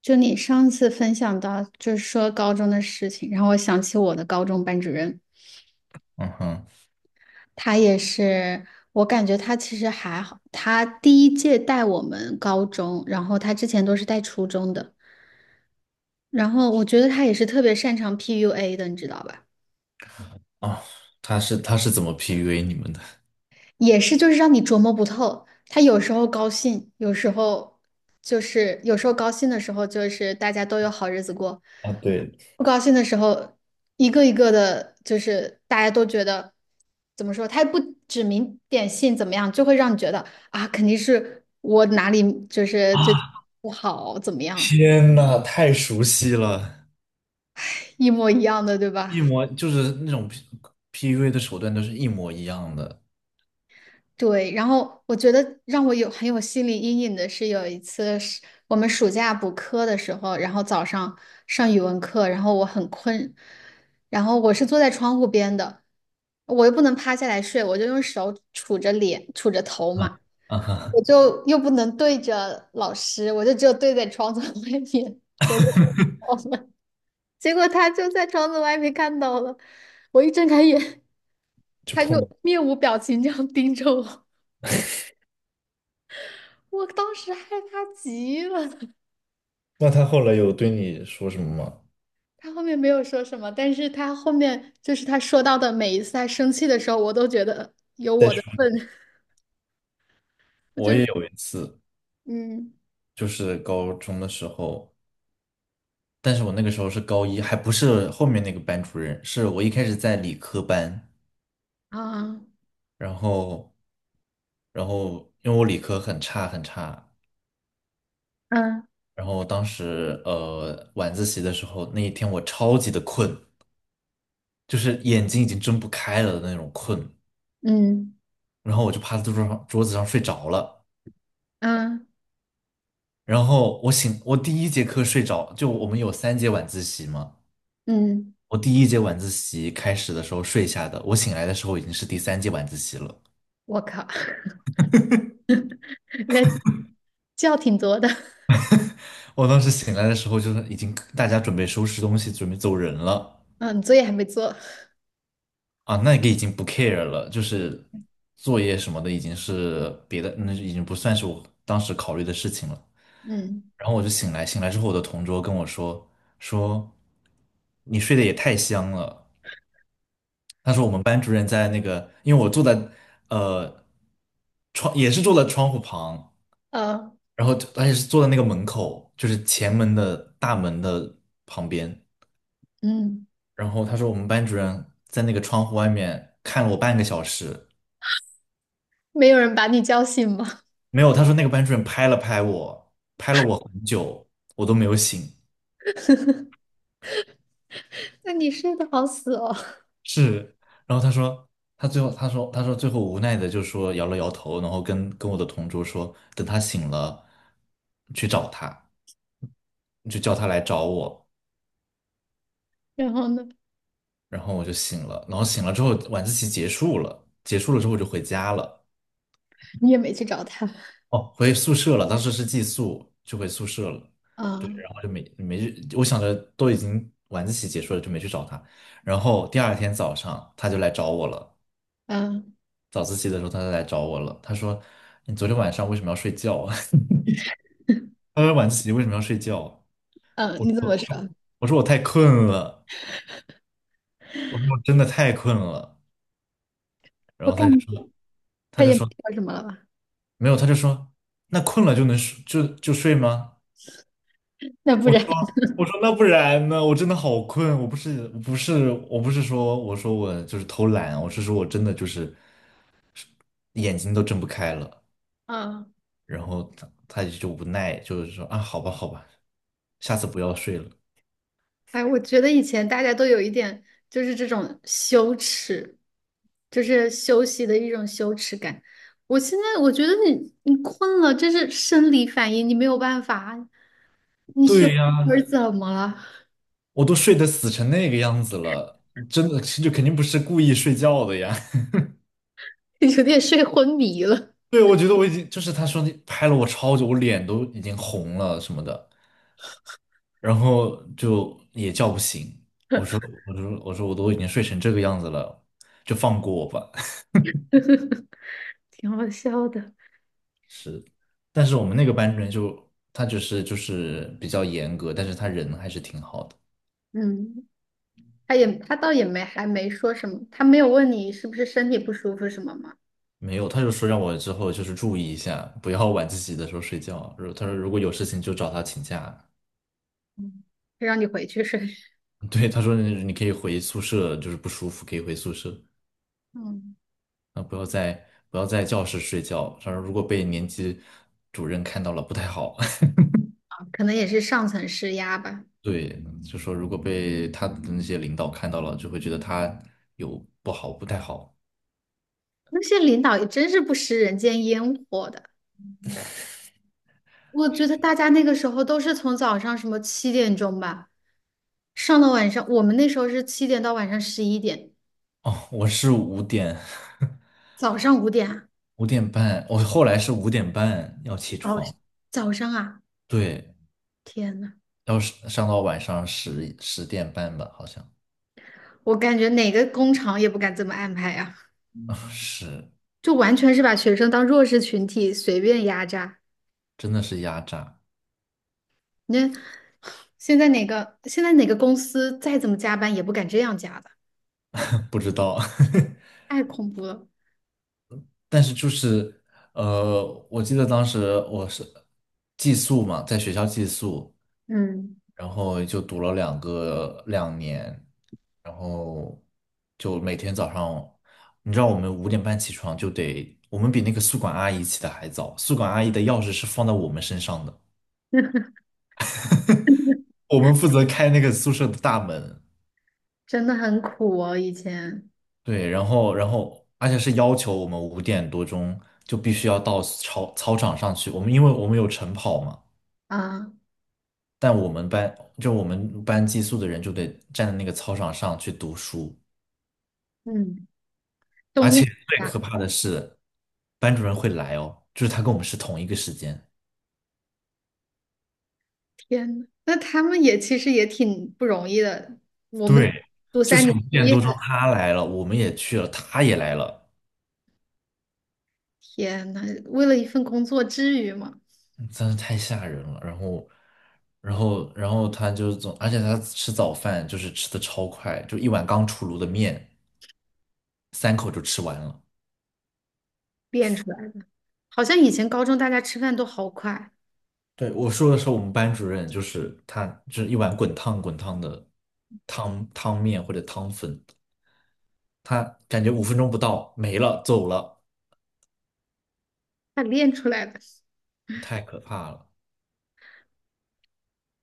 就你上次分享到，就是说高中的事情，然后我想起我的高中班主任，嗯哼。他也是，我感觉他其实还好，他第一届带我们高中，然后他之前都是带初中的，然后我觉得他也是特别擅长 PUA 的，你知道吧？啊，他是怎么 PUA 你们的？也是就是让你琢磨不透，他有时候高兴，有时候高兴的时候就是大家都有好日子过，啊，对。不高兴的时候，一个一个的，就是大家都觉得怎么说，他也不指名点姓怎么样，就会让你觉得啊，肯定是我哪里就是最啊，不好，怎么样，天呐，太熟悉了。一模一样的，对吧？一模就是那种 P u a 的手段都是一模一样的。对，然后我觉得让我有很有心理阴影的是，有一次是我们暑假补课的时候，然后早上上语文课，然后我很困，然后我是坐在窗户边的，我又不能趴下来睡，我就用手杵着脸、杵着头嗯。嘛，啊哈。我就又不能对着老师，我就只有对在窗子 外面，我就 我们，结果他就在窗子外面看到了，我一睁开眼，就他就碰到。面无表情这样盯着我。我当时害怕极了。那他后来有对你说什么吗？他后面没有说什么，但是他后面就是他说到的每一次他生气的时候，我都觉得有再我说，的份，我就是也有一次，嗯就是高中的时候，但是我那个时候是高一，还不是后面那个班主任，是我一开始在理科班，啊然后，然后因为我理科很差很差。嗯然后当时晚自习的时候，那一天我超级的困，就是眼睛已经睁不开了的那种困。嗯然后我就趴在桌子上睡着了。嗯然后我醒，我第一节课睡着，就我们有三节晚自习嘛，嗯，我第1节晚自习开始的时候睡下的，我醒来的时候已经是第3节晚自习了。我靠，那觉挺多的，我当时醒来的时候，就是已经大家准备收拾东西，准备走人了。嗯，作业还没做，啊，那个已经不 care 了，就是作业什么的已经是别的，那已经不算是我当时考虑的事情了。嗯然后我就醒来，醒来之后我的同桌跟我说，说你睡得也太香了。他说我们班主任在那个，因为我坐在呃窗也是坐在窗户旁，呃然后而且是坐在那个门口，就是前门的大门的旁边。嗯，然后他说我们班主任在那个窗户外面看了我半个小时。没有人把你叫醒吗？没有，他说那个班主任拍了拍我，拍了我很久，我都没有醒。那你睡得好死哦。是。然后他说，他最后他说最后无奈的就说摇了摇头，然后跟我的同桌说，等他醒了去找他，就叫他来找我。然后呢，然后我就醒了，然后醒了之后晚自习结束了，结束了之后我就回家了。你也没去找他，哦，回宿舍了，当时是寄宿，就回宿舍了。对，啊然后就没去，我想着都已经晚自习结束了，就没去找他。然后第二天早上他就来找我了，啊早自习的时候他就来找我了。他说："你昨天晚上为什么要睡觉啊？" 他说："晚自习为什么要睡觉啊？"我你怎么说：说？“我说我太困了，我说我真的太困了。"然我后感他就觉说：“他他就也没说说什么了吧？没有，他就说那困了就能睡就睡吗？"那不我说，然 我说那不然呢？我真的好困，我不是说我说我就是偷懒，我是说我真的就是眼睛都睁不开了。啊，然后他就无奈，就是说啊，好吧好吧，下次不要睡了。哎，我觉得以前大家都有一点就是这种羞耻，就是休息的一种羞耻感。我现在我觉得你困了，这是生理反应，你没有办法。对我是呀，怎么了？我都睡得死成那个样子了，真的就肯定不是故意睡觉的呀。有点睡昏迷了，对，我觉得我已经就是他说你拍了我超久，我脸都已经红了什么的。然后就也叫不醒。我说，我说，我都已经睡成这个样子了，就放过我吧。挺好笑的。但是我们那个班主任就他就是比较严格，但是他人还是挺好的。嗯，他倒也没还没说什么，他没有问你是不是身体不舒服什么吗？没有，他就说让我之后就是注意一下，不要晚自习的时候睡觉。如他说如果有事情就找他请假。嗯让你回去睡。对，他说你可以回宿舍，就是不舒服可以回宿舍。嗯，啊，不要在教室睡觉。他说如果被年级主任看到了不太好。可能也是上层施压吧。对，就说如果被他的那些领导看到了，就会觉得他有不好，不太好。那些领导也真是不食人间烟火的。我觉得大家那个时候都是从早上什么7点钟吧，上到晚上，我们那时候是七点到晚上11点，哦，我是五点， 早上5点啊，五点半，我后来是五点半要起早床，早上啊，对，天呐，要是上到晚上10点半吧，好像。我感觉哪个工厂也不敢这么安排呀，啊，是。就完全是把学生当弱势群体随便压榨。真的是压榨。那现在哪个公司再怎么加班也不敢这样加的，不知道。太恐怖了。但是就是呃，我记得当时我是寄宿嘛，在学校寄宿，嗯，然后就读了2年，然后就每天早上，你知道我们5点半起床就得，我们比那个宿管阿姨起的还早，宿管阿姨的钥匙是放在我们身上的，我们负责开那个宿舍的大门。真的很苦哦，以前对，然后而且是要求我们五点多钟就必须要到操场上去，我们因为我们有晨跑嘛。啊。但我们班就我们班寄宿的人就得站在那个操场上去读书。嗯，冬而天且最夏可怕的是，班主任会来哦，就是他跟我们是同一个时间。天呐那他们也其实也挺不容易的。我对，们读就三是年五毕点业多钟了，他来了，我们也去了，他也来了，天呐，为了一份工作，至于吗？嗯真是太吓人了。然后，然后他就总，而且他吃早饭就是吃的超快，就一碗刚出炉的面，3口就吃完了。练出来的，好像以前高中大家吃饭都好快，对，我说的是我们班主任，就是他，就是一碗滚烫滚烫的汤汤面或者汤粉，他感觉5分钟不到没了，走了，他练出来的。太可怕了。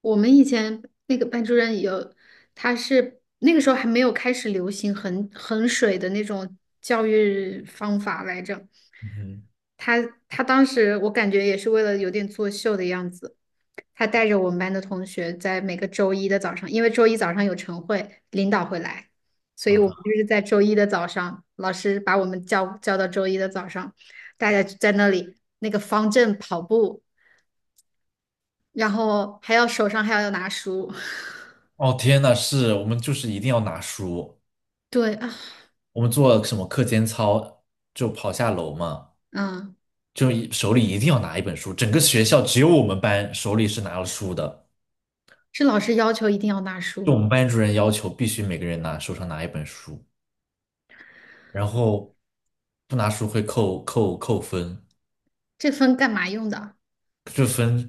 我们以前那个班主任有，他是那个时候还没有开始流行衡水的那种教育方法来着。嗯哼。他他当时我感觉也是为了有点作秀的样子。他带着我们班的同学在每个周一的早上，因为周一早上有晨会，领导会来，所以我们啊，就是在周一的早上，老师把我们叫到周一的早上，大家在那里那个方阵跑步，然后还要手上还要拿书。哦天呐，是我们就是一定要拿书，对啊，我们做什么课间操就跑下楼嘛，嗯，就一手里一定要拿一本书，整个学校只有我们班手里是拿了书的。是老师要求一定要拿书就我吗？们班主任要求必须每个人拿手上拿一本书，然后不拿书会扣分。这分干嘛用的？这分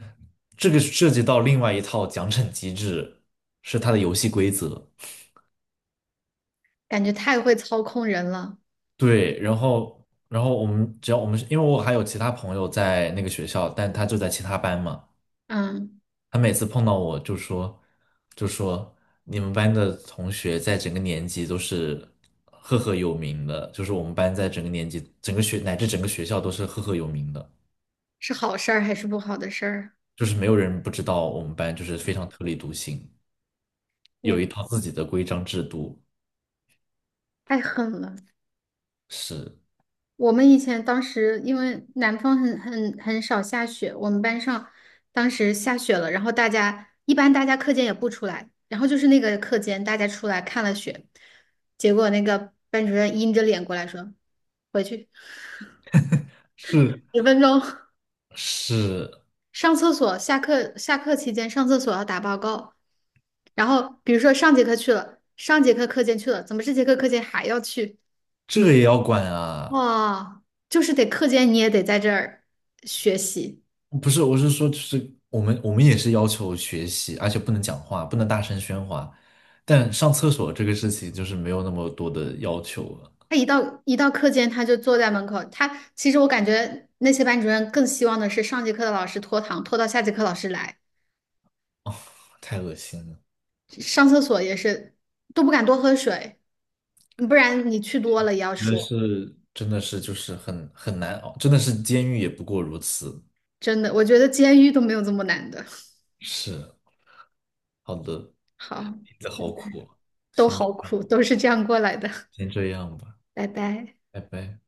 这个涉及到另外一套奖惩机制，是它的游戏规则。感觉太会操控人了。对，然后我们只要我们是，因为我还有其他朋友在那个学校，但他就在其他班嘛。嗯，他每次碰到我就说，就说你们班的同学在整个年级都是赫赫有名的，就是我们班在整个年级、整个学乃至整个学校都是赫赫有名的，是好事儿还是不好的事儿？就是没有人不知道我们班就是非常特立独行，有嗯，一套自己的规章制度。太狠了。是我们以前当时因为南方很少下雪，我们班上当时下雪了，然后大家一般大家课间也不出来，然后就是那个课间大家出来看了雪，结果那个班主任阴着脸过来说，回去是10分钟 是，上厕所，下课期间上厕所要打报告，然后比如说上节课去了，上节课课间去了，怎么这节课课间还要去？这也要管啊。哇，就是得课间你也得在这儿学习。不是，我是说，就是我们也是要求学习，而且不能讲话，不能大声喧哗。但上厕所这个事情就是没有那么多的要求了。他一到课间，他就坐在门口。他其实我感觉那些班主任更希望的是上节课的老师拖堂，拖到下节课老师来。哦，太恶心了。上厕所也是都不敢多喝水，不然你去多了也要真的说。是真的是就是很难熬，真的是监狱也不过如此。真的，我觉得监狱都没有这么难的。是。好的。好，日子好苦啊。都先这好样，苦，都是这样过来的。先这样吧。拜拜。拜拜。